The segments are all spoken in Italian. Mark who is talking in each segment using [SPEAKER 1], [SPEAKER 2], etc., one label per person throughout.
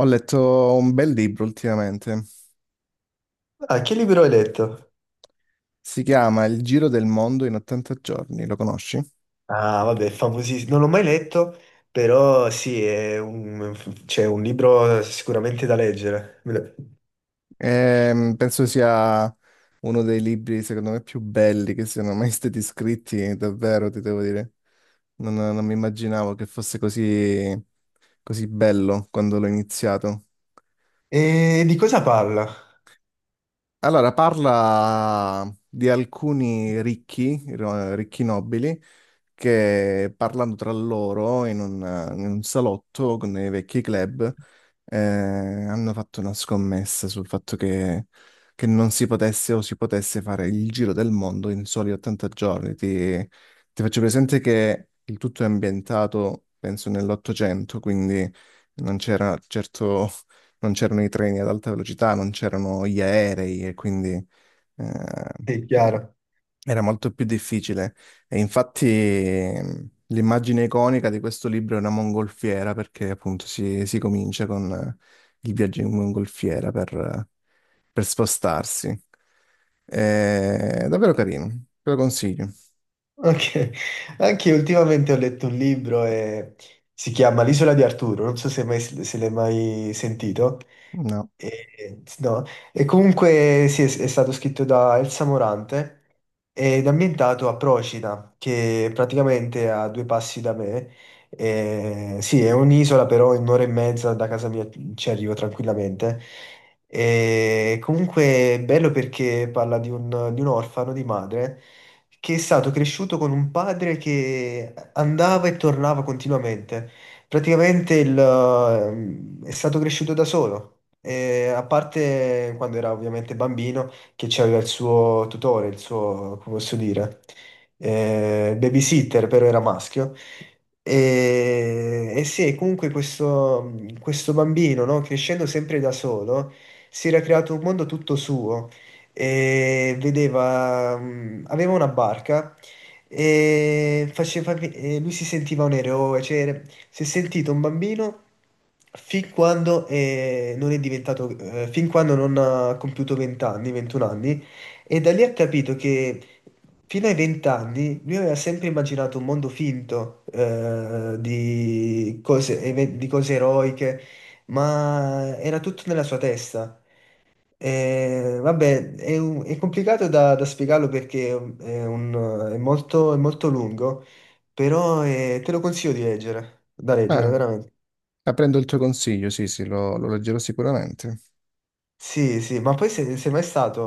[SPEAKER 1] Ho letto un bel libro ultimamente,
[SPEAKER 2] Ah, che libro hai letto?
[SPEAKER 1] si chiama Il giro del mondo in 80 giorni, lo conosci?
[SPEAKER 2] Ah, vabbè, famosissimo. Non l'ho mai letto, però sì, è un, c'è un libro sicuramente da leggere.
[SPEAKER 1] Penso sia uno dei libri, secondo me, più belli che siano mai stati scritti, davvero, ti devo dire. Non mi immaginavo che fosse così, così bello quando l'ho iniziato.
[SPEAKER 2] E di cosa parla?
[SPEAKER 1] Allora, parla di alcuni ricchi, ricchi nobili, che parlando tra loro in un salotto con dei vecchi club hanno fatto una scommessa sul fatto che non si potesse o si potesse fare il giro del mondo in soli 80 giorni. Ti faccio presente che il tutto è ambientato, penso, nell'Ottocento, quindi non c'era certo, non c'erano i treni ad alta velocità, non c'erano gli aerei e quindi... eh,
[SPEAKER 2] È chiaro.
[SPEAKER 1] era molto più difficile e infatti l'immagine iconica di questo libro è una mongolfiera perché appunto si comincia con il viaggio in mongolfiera per spostarsi. È davvero carino, te lo consiglio.
[SPEAKER 2] Ok. Anche io ultimamente ho letto un libro e si chiama L'isola di Arturo, non so se l'hai mai sentito.
[SPEAKER 1] No.
[SPEAKER 2] E, no. E comunque sì, è stato scritto da Elsa Morante ed ambientato a Procida, che praticamente è a due passi da me. E, sì, è un'isola, però in un'ora e mezza da casa mia ci arrivo tranquillamente. E comunque è bello perché parla di un, orfano di madre che è stato cresciuto con un padre che andava e tornava continuamente. Praticamente è stato cresciuto da solo. E a parte quando era ovviamente bambino, che c'aveva il suo tutore, il suo, come posso dire, babysitter, però era maschio. E sì, comunque questo bambino, no, crescendo sempre da solo, si era creato un mondo tutto suo e aveva una barca. E lui si sentiva un eroe, cioè, si è sentito un bambino fin quando non è diventato, fin quando non ha compiuto 20 anni, 21 anni, e da lì ha capito che fino ai 20 anni lui aveva sempre immaginato un mondo finto, di cose eroiche, ma era tutto nella sua testa. Vabbè, è complicato da spiegarlo perché è molto lungo, però te lo consiglio di leggere, da leggere
[SPEAKER 1] Eh,
[SPEAKER 2] veramente.
[SPEAKER 1] prendo il tuo consiglio, sì, sì, lo leggerò sicuramente.
[SPEAKER 2] Sì, sì, ma poi se sei mai stato,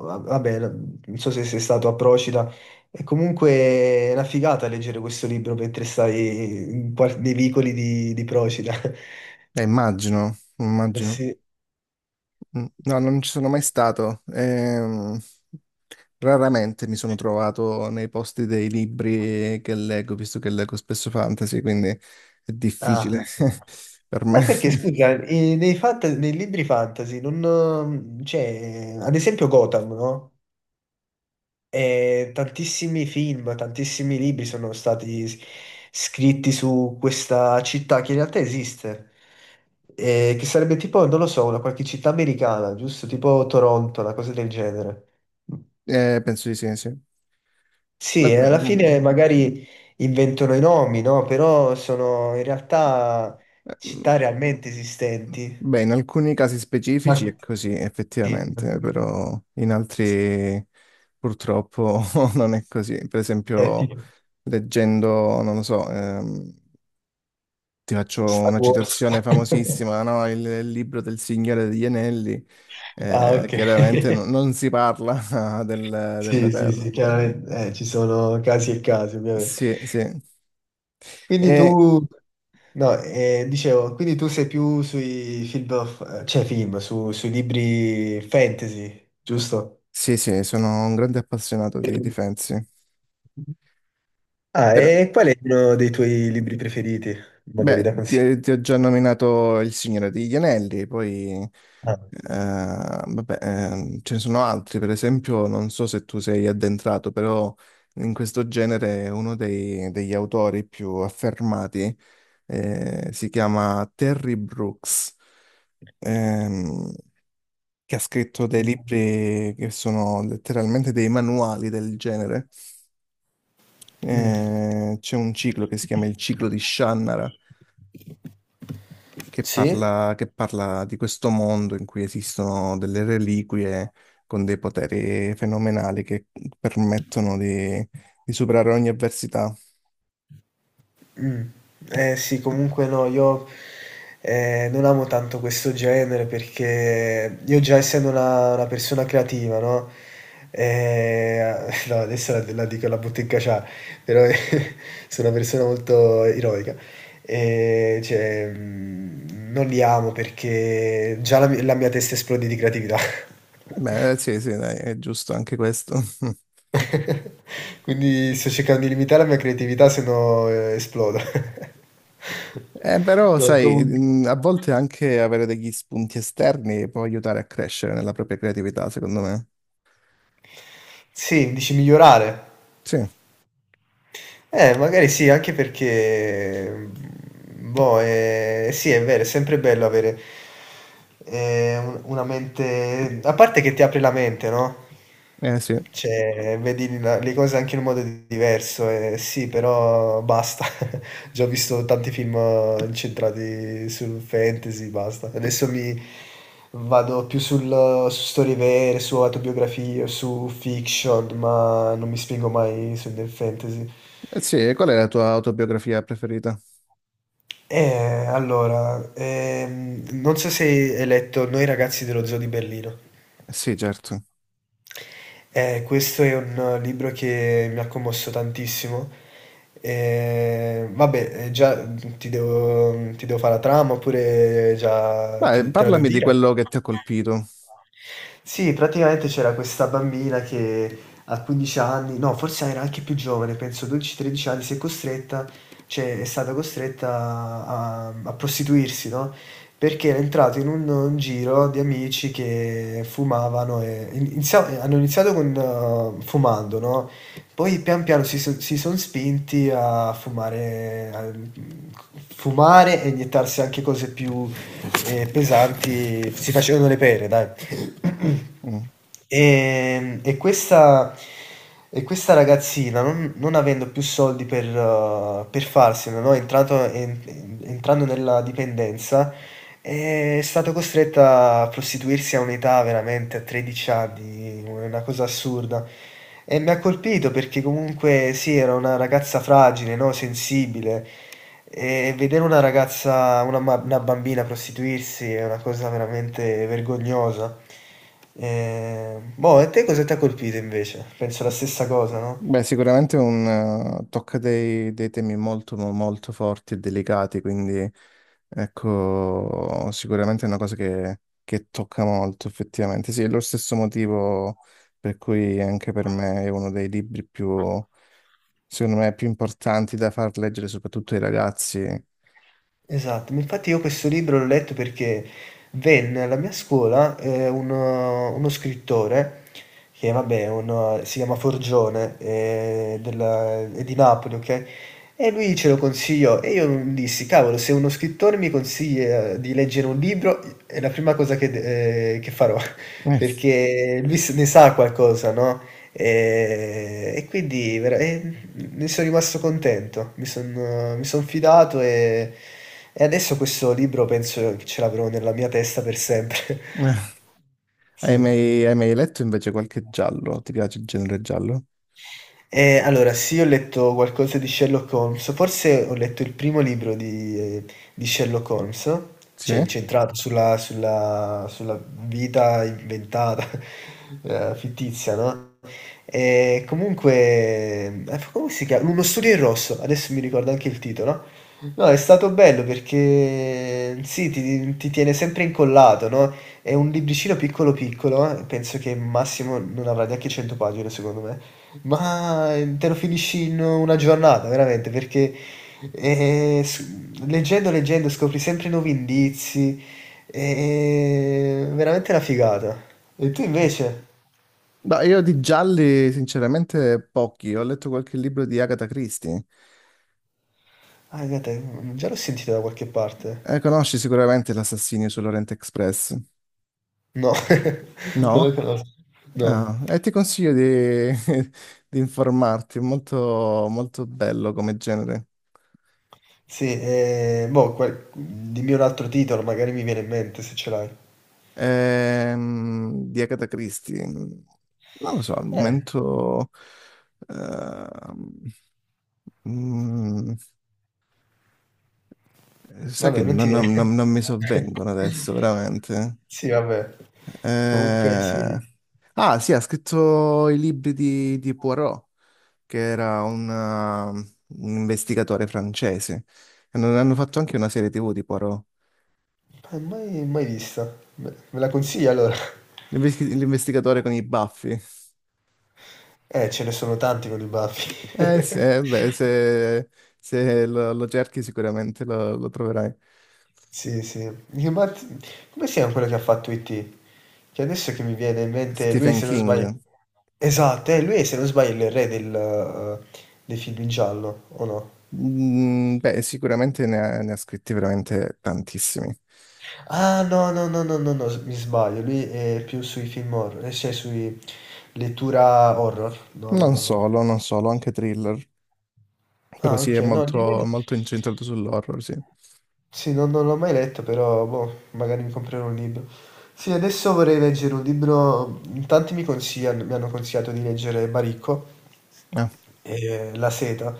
[SPEAKER 2] vabbè, non so se sei stato a Procida, è comunque una figata leggere questo libro mentre stai nei vicoli di Procida.
[SPEAKER 1] Immagino,
[SPEAKER 2] Eh,
[SPEAKER 1] immagino.
[SPEAKER 2] sì.
[SPEAKER 1] Mm, no, non ci sono mai stato. Raramente mi sono trovato nei posti dei libri che leggo, visto che leggo spesso fantasy, quindi è
[SPEAKER 2] Ah,
[SPEAKER 1] difficile
[SPEAKER 2] sì.
[SPEAKER 1] per
[SPEAKER 2] Ma
[SPEAKER 1] me.
[SPEAKER 2] perché, scusa, nei libri fantasy, non, cioè, ad esempio Gotham, no? E tantissimi film, tantissimi libri sono stati scritti su questa città che in realtà esiste. Che sarebbe tipo, non lo so, una qualche città americana, giusto? Tipo Toronto, una cosa del genere.
[SPEAKER 1] Penso di sì, sì.
[SPEAKER 2] Sì, e
[SPEAKER 1] Beh,
[SPEAKER 2] alla
[SPEAKER 1] mm,
[SPEAKER 2] fine magari inventano i nomi, no? Però sono in realtà
[SPEAKER 1] eh, mm,
[SPEAKER 2] città realmente esistenti.
[SPEAKER 1] Beh, in alcuni casi
[SPEAKER 2] Ma
[SPEAKER 1] specifici è così,
[SPEAKER 2] sì.
[SPEAKER 1] effettivamente, però in altri purtroppo non è così. Per
[SPEAKER 2] È
[SPEAKER 1] esempio,
[SPEAKER 2] tipo
[SPEAKER 1] leggendo, non lo so, ti faccio
[SPEAKER 2] Star
[SPEAKER 1] una
[SPEAKER 2] Wars.
[SPEAKER 1] citazione famosissima, no? Il libro del Signore degli Anelli,
[SPEAKER 2] Ah, ok.
[SPEAKER 1] chiaramente non si parla della
[SPEAKER 2] Sì, sì, sì,
[SPEAKER 1] Terra.
[SPEAKER 2] chiaramente ci sono casi e casi, ovviamente.
[SPEAKER 1] Sì, sì.
[SPEAKER 2] Quindi
[SPEAKER 1] E-
[SPEAKER 2] tu, no, dicevo, quindi tu sei più sui film, cioè film, sui libri fantasy, giusto?
[SPEAKER 1] sì, sì, sono un grande appassionato di Fantasy.
[SPEAKER 2] Ah,
[SPEAKER 1] Però,
[SPEAKER 2] e qual è uno dei tuoi libri preferiti? Magari
[SPEAKER 1] beh,
[SPEAKER 2] da consigliare.
[SPEAKER 1] ti ho già nominato il Signore degli Anelli, poi
[SPEAKER 2] Ah.
[SPEAKER 1] ce ne sono altri, per esempio, non so se tu sei addentrato, però in questo genere è uno degli autori più affermati si chiama Terry Brooks, ehm, che ha scritto dei libri che sono letteralmente dei manuali del genere.
[SPEAKER 2] Mm.
[SPEAKER 1] C'è un ciclo che si chiama Il ciclo di Shannara,
[SPEAKER 2] Sì?
[SPEAKER 1] che parla di questo mondo in cui esistono delle reliquie con dei poteri fenomenali che permettono di superare ogni avversità.
[SPEAKER 2] Mh. Eh sì, comunque no, io, non amo tanto questo genere perché io già essendo una persona creativa, no, no adesso la dico, la butto in caciara, però sono una persona molto ironica. Cioè, non li amo perché già la mia testa esplode di creatività.
[SPEAKER 1] Beh, sì, sì, dai, è giusto anche questo.
[SPEAKER 2] Quindi sto cercando di limitare la mia creatività se no, esplodo.
[SPEAKER 1] Però,
[SPEAKER 2] No,
[SPEAKER 1] sai,
[SPEAKER 2] comun
[SPEAKER 1] a volte anche avere degli spunti esterni può aiutare a crescere nella propria creatività, secondo me.
[SPEAKER 2] Sì, dici migliorare.
[SPEAKER 1] Sì,
[SPEAKER 2] Magari sì, anche perché, boh, sì è vero, è sempre bello avere, un una mente a parte che ti apre la mente, no?
[SPEAKER 1] eh sì.
[SPEAKER 2] Cioè, vedi le cose anche in un modo diverso, sì, però basta. Già ho visto tanti film incentrati sul fantasy, basta. Adesso mi vado più su storie vere, su autobiografie, su fiction, ma non mi spingo mai sul del fantasy.
[SPEAKER 1] Eh sì, e qual è la tua autobiografia preferita?
[SPEAKER 2] Allora, non so se hai letto Noi ragazzi dello zoo di Berlino.
[SPEAKER 1] Eh sì, certo.
[SPEAKER 2] Questo è un libro che mi ha commosso tantissimo. Vabbè, già ti devo fare la trama oppure già
[SPEAKER 1] Beh,
[SPEAKER 2] te la devo
[SPEAKER 1] parlami di
[SPEAKER 2] dire?
[SPEAKER 1] quello che ti ha colpito.
[SPEAKER 2] Sì, praticamente c'era questa bambina che a 15 anni, no, forse era anche più giovane, penso 12-13 anni, si è costretta, cioè è stata costretta a prostituirsi, no? Perché era entrato in un giro di amici che fumavano e hanno iniziato con, fumando, no? Poi pian piano si sono spinti a fumare, e iniettarsi anche cose più pesanti, si facevano le pere, dai.
[SPEAKER 1] Mhm.
[SPEAKER 2] E, e questa, e questa ragazzina, non avendo più soldi per farsene, no? Entrando nella dipendenza, è stata costretta a prostituirsi a un'età veramente a 13 anni, una cosa assurda. E mi ha colpito perché comunque sì, era una ragazza fragile, no? Sensibile. E vedere una ragazza, una bambina prostituirsi è una cosa veramente vergognosa. Boh, e te cosa ti ha colpito invece? Penso la stessa cosa, no?
[SPEAKER 1] Beh, sicuramente un, tocca dei, dei temi molto, molto forti e delicati, quindi ecco, sicuramente è una cosa che tocca molto, effettivamente. Sì, è lo stesso motivo per cui anche per me è uno dei libri più, secondo me, più importanti da far leggere soprattutto ai ragazzi.
[SPEAKER 2] Esatto, ma infatti io questo libro l'ho letto perché venne alla mia scuola uno scrittore che, vabbè, è si chiama Forgione, è di Napoli, ok? E lui ce lo consigliò e io dissi, cavolo, se uno scrittore mi consiglia di leggere un libro, è la prima cosa che, che farò,
[SPEAKER 1] Eh,
[SPEAKER 2] perché lui ne sa qualcosa, no? E quindi vera- è ne sono rimasto contento, mi son fidato e adesso questo libro penso che ce l'avrò nella mia testa per sempre.
[SPEAKER 1] eh.
[SPEAKER 2] Sì.
[SPEAKER 1] Hai mai letto invece qualche giallo? Ti piace il genere giallo?
[SPEAKER 2] Allora sì, ho letto qualcosa di Sherlock Holmes, forse ho letto il primo libro di Sherlock Holmes, cioè
[SPEAKER 1] Sì?
[SPEAKER 2] incentrato sulla vita inventata, fittizia, no. E comunque, come si chiama? Uno studio in rosso, adesso mi ricordo anche il titolo. No, è stato bello perché sì, ti tiene sempre incollato, no? È un libricino piccolo piccolo, penso che massimo non avrà neanche 100 pagine secondo me, ma te lo finisci in una giornata, veramente, perché eh, s- leggendo scopri sempre nuovi indizi, è veramente una figata. E tu invece?
[SPEAKER 1] Ma io di gialli, sinceramente, pochi. Ho letto qualche libro di Agatha Christie.
[SPEAKER 2] Ah, guarda, già l'ho sentita da qualche parte.
[SPEAKER 1] Conosci sicuramente L'assassinio sull'Orient Express?
[SPEAKER 2] No, non la
[SPEAKER 1] No?
[SPEAKER 2] conosco. No.
[SPEAKER 1] Ah, e ti consiglio di, di informarti, è molto, molto bello come genere.
[SPEAKER 2] Sì, boh, dimmi un altro titolo, magari mi viene in mente se ce l'hai.
[SPEAKER 1] Di Agatha Christie. Non lo so, al
[SPEAKER 2] Eh.
[SPEAKER 1] momento... ehm, mm, sai che
[SPEAKER 2] Vabbè, non ti
[SPEAKER 1] non, non- non-
[SPEAKER 2] viene.
[SPEAKER 1] non mi sovvengono adesso, veramente.
[SPEAKER 2] Sì, vabbè. Comunque sì.
[SPEAKER 1] Eh, Ah, sì, ha scritto i libri di Poirot, che era un investigatore francese. Hanno, hanno fatto anche una serie TV di Poirot.
[SPEAKER 2] Mai mai vista. Me la consigli allora?
[SPEAKER 1] L'investigatore con i baffi.
[SPEAKER 2] Ce ne sono tanti con i baffi.
[SPEAKER 1] Eh sì, beh, se, se lo, lo cerchi sicuramente lo, lo troverai.
[SPEAKER 2] Sì, sì. Dico, ma come si chiama quello che ha fatto IT? Che adesso che mi viene in mente, lui,
[SPEAKER 1] Stephen
[SPEAKER 2] se non sbaglio...
[SPEAKER 1] King.
[SPEAKER 2] Esatto, lui è, se non sbaglio, è il re eh, dei film in giallo, o no?
[SPEAKER 1] Mm, beh, sicuramente ne ha, ne ha scritti veramente tantissimi.
[SPEAKER 2] Ah, no, no, no, no, no, no, mi sbaglio, lui è più sui film horror, cioè sui lettura horror. No, no,
[SPEAKER 1] Non
[SPEAKER 2] no, no.
[SPEAKER 1] solo, non solo, anche thriller. Però
[SPEAKER 2] Ah,
[SPEAKER 1] sì, è
[SPEAKER 2] ok, no, di-
[SPEAKER 1] molto, molto incentrato sull'horror, sì.
[SPEAKER 2] Sì, non l'ho mai letto, però boh, magari mi comprerò un libro. Sì, adesso vorrei leggere un libro. In Tanti mi consigliano, mi hanno consigliato di leggere Baricco e La seta,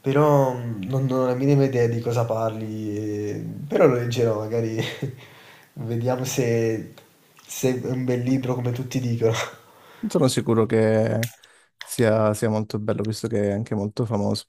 [SPEAKER 2] però non ho la minima idea di cosa parli, però lo leggerò, magari vediamo se, se è un bel libro come tutti dicono.
[SPEAKER 1] Sono sicuro che sia, sia molto bello, visto che è anche molto famoso.